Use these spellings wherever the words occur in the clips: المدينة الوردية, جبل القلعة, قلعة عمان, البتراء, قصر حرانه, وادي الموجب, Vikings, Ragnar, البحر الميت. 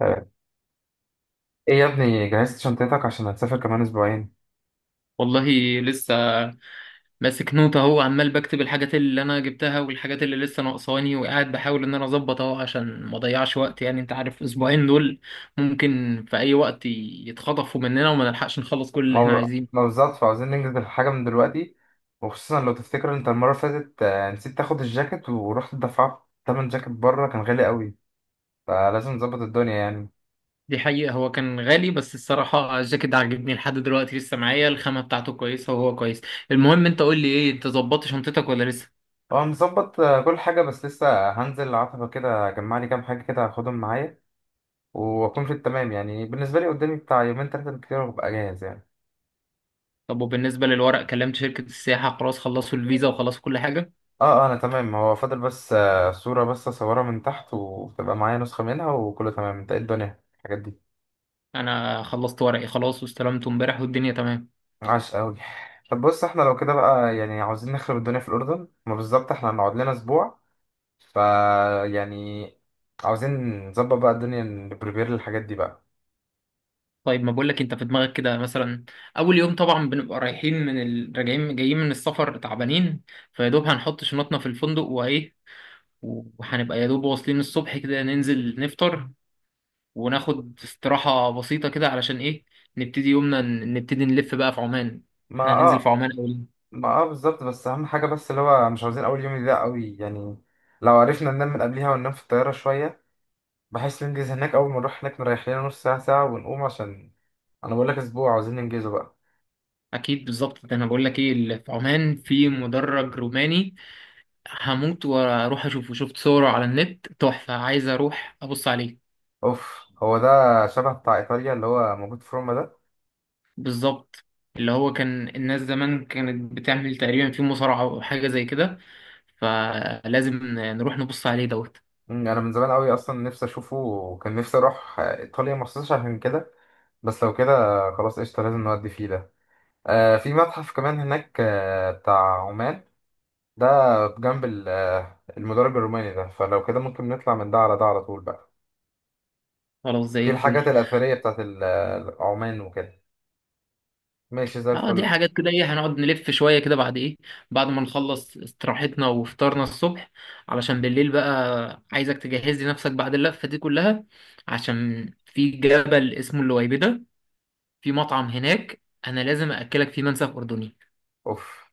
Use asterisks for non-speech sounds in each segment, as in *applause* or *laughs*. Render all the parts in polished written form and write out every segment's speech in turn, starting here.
آه، ايه يا ابني، جهزت شنطتك عشان هتسافر كمان اسبوعين؟ والله لسه ماسك نوتة اهو، عمال بكتب الحاجات اللي انا جبتها والحاجات اللي لسه ناقصاني، وقاعد بحاول ان انا اظبط اهو عشان ما اضيعش وقت. يعني انت عارف الاسبوعين دول ممكن في اي وقت يتخطفوا مننا وما نلحقش نخلص كل ما اللي احنا هو- ما عايزينه. بالظبط، فعاوزين ننجز الحاجة من دلوقتي. وخصوصا لو تفتكر، انت المرة اللي فاتت نسيت تاخد الجاكيت ورحت دفعت تمن جاكيت بره كان غالي قوي، فلازم نظبط الدنيا يعني. دي حقيقة، هو كان غالي بس الصراحة الجاكيت ده عاجبني لحد دلوقتي، لسه معايا الخامة بتاعته كويسة وهو كويس. المهم انت قول لي ايه، انت ظبطت شنطتك ولا لسه؟ هو مظبط كل حاجة، بس لسه هنزل عتبة كده اجمع لي كام حاجة كده هاخدهم معايا واكون في التمام. يعني بالنسبة لي قدامي بتاع يومين تلاتة بالكتير وابقى جاهز يعني. طب وبالنسبة للورق، كلمت شركة السياحة؟ خلاص خلصوا الفيزا وخلصوا كل حاجة؟ اه اه، انا تمام، هو فاضل بس صورة بس اصورها من تحت وتبقى معايا نسخة منها وكله تمام. انت ايه الدنيا الحاجات دي؟ انا خلصت ورقي خلاص واستلمته امبارح والدنيا تمام. عاش قوي. طب بص، احنا لو كده بقى يعني عاوزين نخرب الدنيا في الأردن، ما بالظبط احنا هنقعد لنا أسبوع. ف يعني عاوزين نظبط بقى الدنيا، نبريبير للحاجات دي بقى. طيب ما بقولك، انت في دماغك كده مثلا اول يوم طبعا بنبقى رايحين راجعين جايين من السفر تعبانين، فيا دوب هنحط شنطنا في الفندق وايه، وهنبقى يا دوب واصلين الصبح كده ننزل نفطر وناخد استراحة بسيطة كده علشان ايه، نبتدي يومنا نبتدي نلف بقى في عمان. ما احنا هننزل في اه. عمان اول. ما اه بالظبط، بس أهم حاجة بس اللي هو مش عاوزين أول يوم يضيع قوي يعني. لو عرفنا ننام من قبلها وننام في الطيارة شوية، بحيث ننجز هناك. أول ما نروح هناك نريح لنا نص ساعة ساعة ونقوم، عشان أنا بقول لك أسبوع عاوزين ننجزه بقى. اكيد بالظبط، ده انا بقول لك ايه اللي في عمان، في مدرج روماني هموت واروح اشوفه، شفت صوره على النت تحفة، عايز اروح ابص عليه. أوف، هو ده شبه بتاع إيطاليا اللي هو موجود في روما ده. بالظبط، اللي هو كان الناس زمان كانت بتعمل تقريبا في مصارعة أو حاجة زي كده، فلازم نروح نبص عليه دوت. انا من زمان قوي اصلا نفسي اشوفه، وكان نفسي اروح ايطاليا مخصوص عشان كده. بس لو كده خلاص قشطه، لازم نودي فيه ده. آه، في متحف كمان هناك آه بتاع عمان ده، جنب المدرج الروماني ده، فلو كده ممكن نطلع من ده على ده على طول بقى. خلاص زي في الحاجات الفل. الاثريه بتاعت عمان وكده. ماشي زي اه، دي الفل. حاجات كده ايه، هنقعد نلف شوية كده بعد ايه، بعد ما نخلص استراحتنا وفطارنا الصبح. علشان بالليل بقى عايزك تجهز لي نفسك بعد اللفة دي كلها، عشان في جبل اسمه اللويبدة، في مطعم هناك انا لازم اكلك فيه منسف اردني. اوف،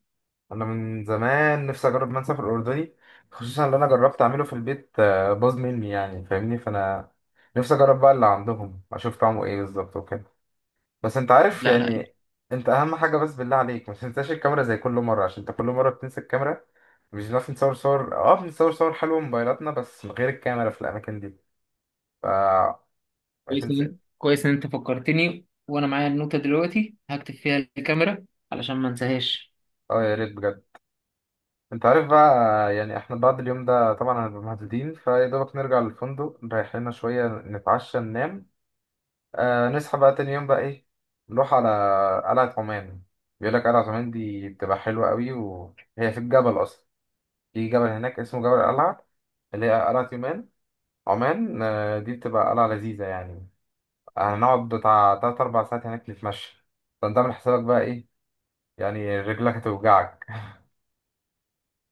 انا من زمان نفسي اجرب منسف الاردني، خصوصا اللي انا جربت اعمله في البيت باظ مني يعني، فاهمني؟ فانا نفسي اجرب بقى اللي عندهم، اشوف طعمه ايه بالظبط وكده. بس انت عارف لا لا. يعني. انت اهم حاجه بس بالله عليك ما تنساش الكاميرا زي كل مره، عشان انت كل مره بتنسى الكاميرا. مش بنعرف نصور صور، اه بنصور صور حلوه موبايلاتنا بس من غير الكاميرا في الاماكن دي. ف كويس عشان س... إن- كويس ان انت فكرتني وانا معايا النوتة دلوقتي هكتب فيها الكاميرا، علشان ما انساهاش. اه يا ريت بجد. انت عارف بقى، يعني احنا بعد اليوم ده طبعا هنبقى مهدودين، فيا دوبك نرجع للفندق نريح لنا شويه نتعشى ننام. آه نصحى بقى تاني يوم بقى ايه، نروح على قلعة عمان. بيقول لك قلعة عمان دي بتبقى حلوة قوي، وهي في الجبل أصلا. في جبل هناك اسمه جبل القلعة، اللي هي قلعة يومان. عمان آه دي بتبقى قلعة لذيذة يعني. هنقعد بتاع تلات أربع ساعات هناك نتمشى. فأنت عامل حسابك بقى ايه؟ يعني رجلك هتوجعك.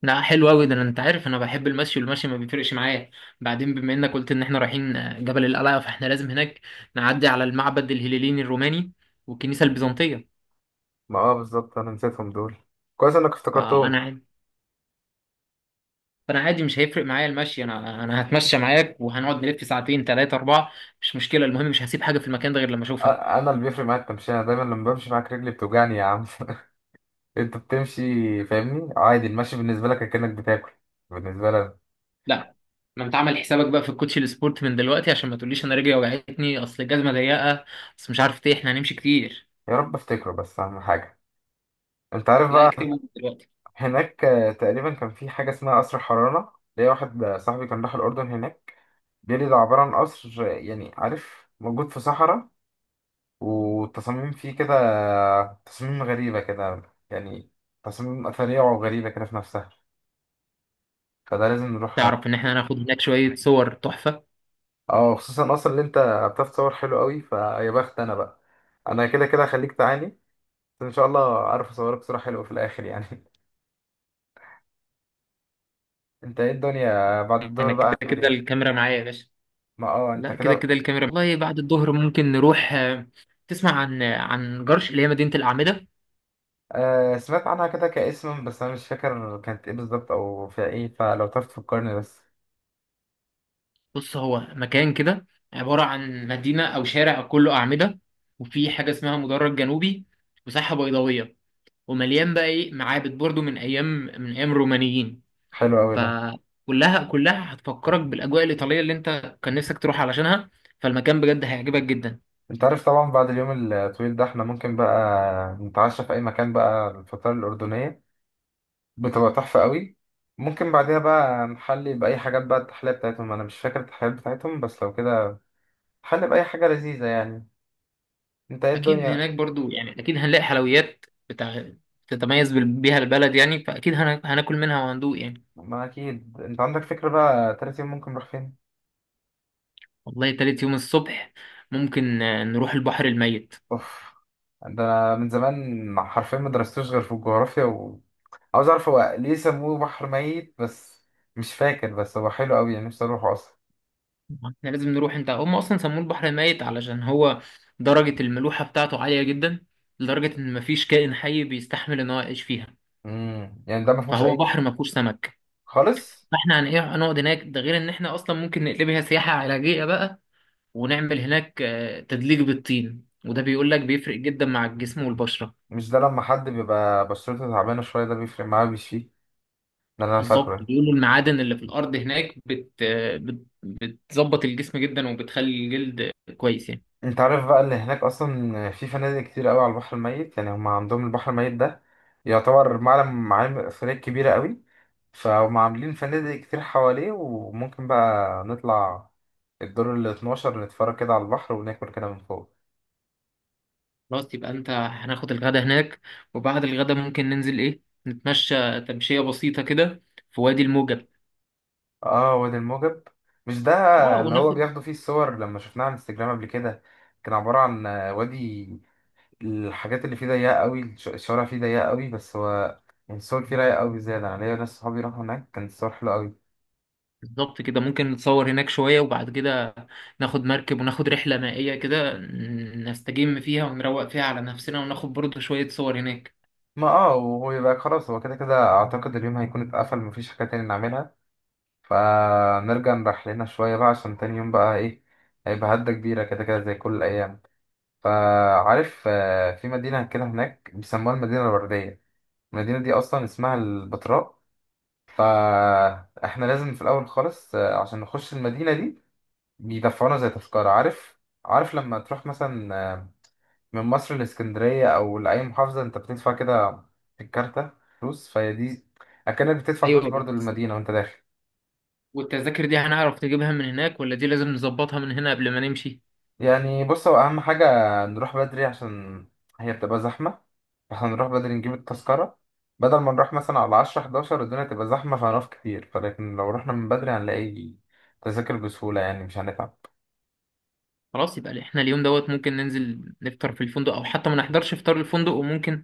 لا حلو قوي ده، انت عارف انا بحب المشي والمشي ما بيفرقش معايا. بعدين بما انك قلت ان احنا رايحين جبل القلعة، فاحنا لازم هناك نعدي على المعبد الهليليني الروماني والكنيسة البيزنطية. *laughs* ما اه بالظبط، أنا نسيتهم دول، كويس إنك فانا افتكرتهم. عاد- فانا عادي، مش هيفرق معايا المشي، انا هتمشى معاك وهنقعد نلف ساعتين ثلاثة أربعة، مش مشكلة. المهم مش هسيب حاجة في المكان ده غير لما اشوفها. أنا اللي بيفرق معايا التمشية، أنا دايما لما بمشي معاك رجلي بتوجعني يا عم. *laughs* انت بتمشي، فاهمني؟ عادي المشي بالنسبه لك كأنك بتاكل. بالنسبه لنا. لا، ما انت عامل حسابك بقى في الكوتشي السبورت من دلوقتي عشان ما تقوليش انا رجلي وجعتني اصل الجزمه ضيقه، اصل مش عارف ايه، احنا هنمشي كتير. يا رب افتكره، بس اهم حاجه. انت عارف لا اكتبهم بقى، من دلوقتي. هناك تقريبا كان في حاجه اسمها قصر حرانه. ليا واحد صاحبي كان راح الاردن هناك، بيقول لي ده عباره عن قصر يعني عارف، موجود في صحراء، والتصاميم فيه كده تصاميم غريبه كده، يعني تصاميم اثريه وغريبه كده في نفسها، فده لازم نروح. تعرف ان احنا هناخد هناك شويه صور تحفه. اه خصوصا اصلا اللي انت بتعرف تصور حلو قوي، فيا بخت انا بقى. انا كده كده هخليك تعاني، بس ان شاء الله اعرف اصورك صورة حلوة في الاخر يعني. *laughs* انت ايه الدنيا بعد الدور انا كده بقى، هنعمل كده ايه؟ الكاميرا معايا يا باشا. ما اه انت لا كده كده. كده الكاميرا والله. بعد الظهر ممكن نروح، تسمع عن عن جرش اللي هي مدينه الاعمده؟ آه سمعت عنها كده كاسم، بس انا مش فاكر كانت ايه بالظبط او فيها ايه، فلو تعرف تفكرني بس. بص، هو مكان كده عباره عن مدينه او شارع كله اعمده، وفي حاجه اسمها مدرج جنوبي وساحه بيضاويه، ومليان بقى ايه، معابد برضو من ايام الرومانيين. حلو قوي ده. فكلها كلها هتفكرك بالاجواء الايطاليه اللي انت كان نفسك تروح علشانها، فالمكان بجد هيعجبك جدا. انت عارف طبعا بعد اليوم الطويل ده احنا ممكن بقى نتعشى في اي مكان بقى، الفطار الاردنية بتبقى تحفة قوي. ممكن بعدها بقى نحلي باي حاجات بقى، التحلية بتاعتهم انا مش فاكر التحليات بتاعتهم، بس لو كده نحلي باي حاجة لذيذة يعني. انت ايه اكيد الدنيا؟ هناك برضو، يعني اكيد هنلاقي حلويات بتاع تتميز بيها البلد، يعني فاكيد هناكل منها وهندوق يعني. ما اكيد انت عندك فكرة بقى، تالت يوم ممكن نروح فين؟ والله تالت يوم الصبح ممكن نروح البحر الميت. اوف، ده انا من زمان حرفيا ما درستوش غير في الجغرافيا، وعاوز اعرف هو ليه سموه بحر ميت بس. مش فاكر، بس هو حلو قوي يعني نفسي اروحه اصلا. احنا لازم نروح، انت هم اصلا سموه البحر الميت علشان هو درجه الملوحه بتاعته عاليه جدا، لدرجه ان مفيش كائن حي بيستحمل ان هو يعيش فيها، يعني ده ما فيهوش فهو اي؟ بحر ما فيهوش سمك. خالص؟ فاحنا هن- إيه، هنقعد هناك، ده غير ان احنا اصلا ممكن نقلبها سياحه علاجيه بقى، ونعمل هناك تدليك بالطين، وده بيقول لك بيفرق جدا مع الجسم والبشره. مش ده لما حد بيبقى بشرته تعبانة شوية ده بيفرق معاه بيشفيه؟ ده اللي انا بالظبط، فاكره. بيقولوا المعادن اللي في الارض هناك بت... آه، بتظبط الجسم جدا وبتخلي الجلد كويس يعني. انت عارف بقى ان هناك اصلا في فنادق كتير قوي على البحر الميت، يعني هم عندهم البحر الميت ده يعتبر معلم، معالم اثريه كبيره قوي، فهم عاملين فنادق كتير حواليه، وممكن بقى نطلع الدور ال 12 نتفرج كده على البحر وناكل كده من فوق. خلاص يبقى انت هناخد الغدا هناك، وبعد الغدا ممكن ننزل ايه، نتمشى تمشيه بسيطه كده في وادي الموجب. اه وادي الموجب، مش ده اه اللي هو وناخد. بياخدوا فيه الصور لما شفناه على الانستجرام قبل كده؟ كان عبارة عن وادي، الحاجات اللي فيه ضيقة قوي، الشوارع فيه ضيقة قوي، بس هو يعني الصور فيه رايقة قوي زيادة. أنا ليا ناس صحابي راحوا هناك كانت الصور حلوة قوي. بالظبط كده، ممكن نتصور هناك شوية، وبعد كده ناخد مركب وناخد رحلة مائية كده نستجم فيها ونروق فيها على نفسنا وناخد برضه شوية صور هناك. ما اه، وهو يبقى خلاص، هو كده كده اعتقد اليوم هيكون اتقفل مفيش حاجة تاني نعملها، فنرجع نريح لنا شوية بقى، عشان تاني يوم بقى ايه، هيبقى هدة كبيرة كده كده زي كل الأيام. فعارف في مدينة كده هناك بيسموها المدينة الوردية، المدينة دي أصلا اسمها البتراء. فاحنا لازم في الأول خالص عشان نخش المدينة دي، بيدفعونا زي تذكرة. عارف؟ عارف لما تروح مثلا من مصر لاسكندرية أو لأي محافظة أنت بتدفع كده في الكارتة فلوس؟ فهي دي، أكنك بتدفع فلوس ايوه برضو بس للمدينة وأنت داخل. والتذاكر دي هنعرف نجيبها من هناك، ولا دي لازم نظبطها من هنا قبل ما نمشي؟ يعني بص، هو أهم حاجة نروح بدري، عشان هي بتبقى زحمة، فاحنا نروح بدري نجيب التذكرة، بدل ما نروح مثلا على عشرة حداشر الدنيا تبقى زحمة فهنقف كتير، فلكن لو رحنا من بدري هنلاقي تذاكر بسهولة يعني مش هنتعب. خلاص يبقى احنا اليوم دوت ممكن ننزل نفطر في الفندق، او حتى ما نحضرش فطار الفندق وممكن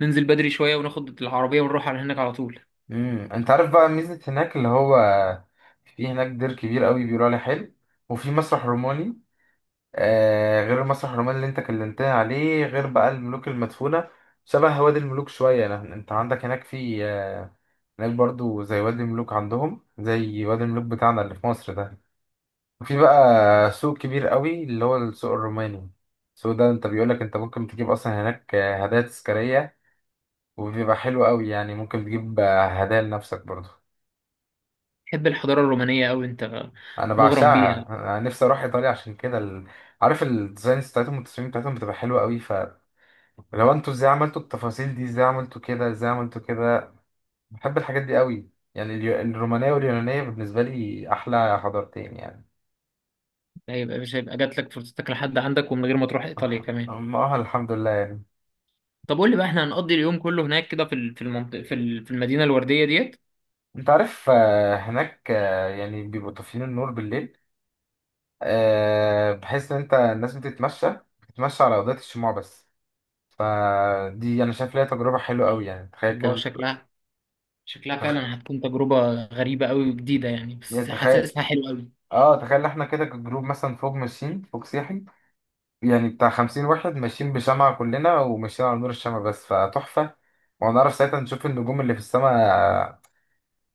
ننزل بدري شوية وناخد العربية ونروح على هناك على طول. انت عارف بقى ميزة هناك اللي هو، في هناك دير كبير قوي بيقولوا عليه حلو، وفي مسرح روماني، آه غير المسرح الروماني اللي انت كلمتني عليه، غير بقى الملوك المدفونة شبه وادي الملوك شوية. لأن انت عندك هناك في آه، هناك برضو زي وادي الملوك، عندهم زي وادي الملوك بتاعنا اللي في مصر ده. وفي بقى سوق كبير قوي اللي هو السوق الروماني. السوق ده انت بيقولك انت ممكن تجيب اصلا هناك هدايا تذكارية، وبيبقى حلو قوي يعني، ممكن تجيب هدايا لنفسك برضو. تحب الحضارة الرومانية أوي أنت، انا مغرم بيها. بعشقها، انا نفسي اروح ايطاليا عشان كده ال... عارف الديزاينز بتاعتهم والتصميم بتاعتهم بتبقى حلوة قوي. لو انتوا ازاي عملتوا التفاصيل دي، ازاي عملتوا كده، ازاي عملتوا كده. بحب الحاجات دي قوي. يعني الرومانية واليونانية بالنسبة لي أحلى حضارتين يعني. هيبقى، مش هيبقى جاتلك فرصتك لحد عندك ومن غير ما تروح إيطاليا كمان. أما اه الحمد لله يعني. طب قول لي بقى، احنا هنقضي اليوم كله هناك كده في في المنطقة، في في المدينة الوردية ديت؟ انت عارف هناك يعني بيبقوا طافيين النور بالليل بحيث ان انت الناس بتتمشى، بتتمشى على أضاءة الشموع بس. فدي انا شايف ليها تجربة حلوة قوي يعني، تخيل كده. والله شكلها تخ... فعلا هتكون تجربة غريبة قوي وجديدة، يعني يعني بس تخيل، حاسسها حلوة قوي. اه تخيل احنا كده كجروب مثلا فوق ماشيين، فوق سياحي يعني بتاع 50 واحد ماشيين بشمعة كلنا وماشيين على نور الشمع بس، فتحفة. وهنعرف ساعتها نشوف النجوم اللي في السماء،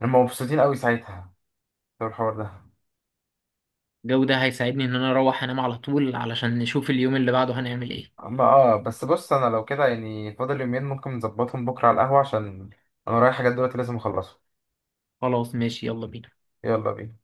هم مبسوطين قوي ساعتها بسبب الحوار ده. الجو ده هيساعدني ان انا اروح انام على طول، علشان نشوف اليوم اللي بعده هنعمل ايه. أما اه، بس بص أنا لو كده يعني فاضل يومين، ممكن نظبطهم بكرة على القهوة، عشان أنا رايح حاجات دلوقتي لازم أخلصها. خلاص ماشي، يلا بينا. يلا بينا.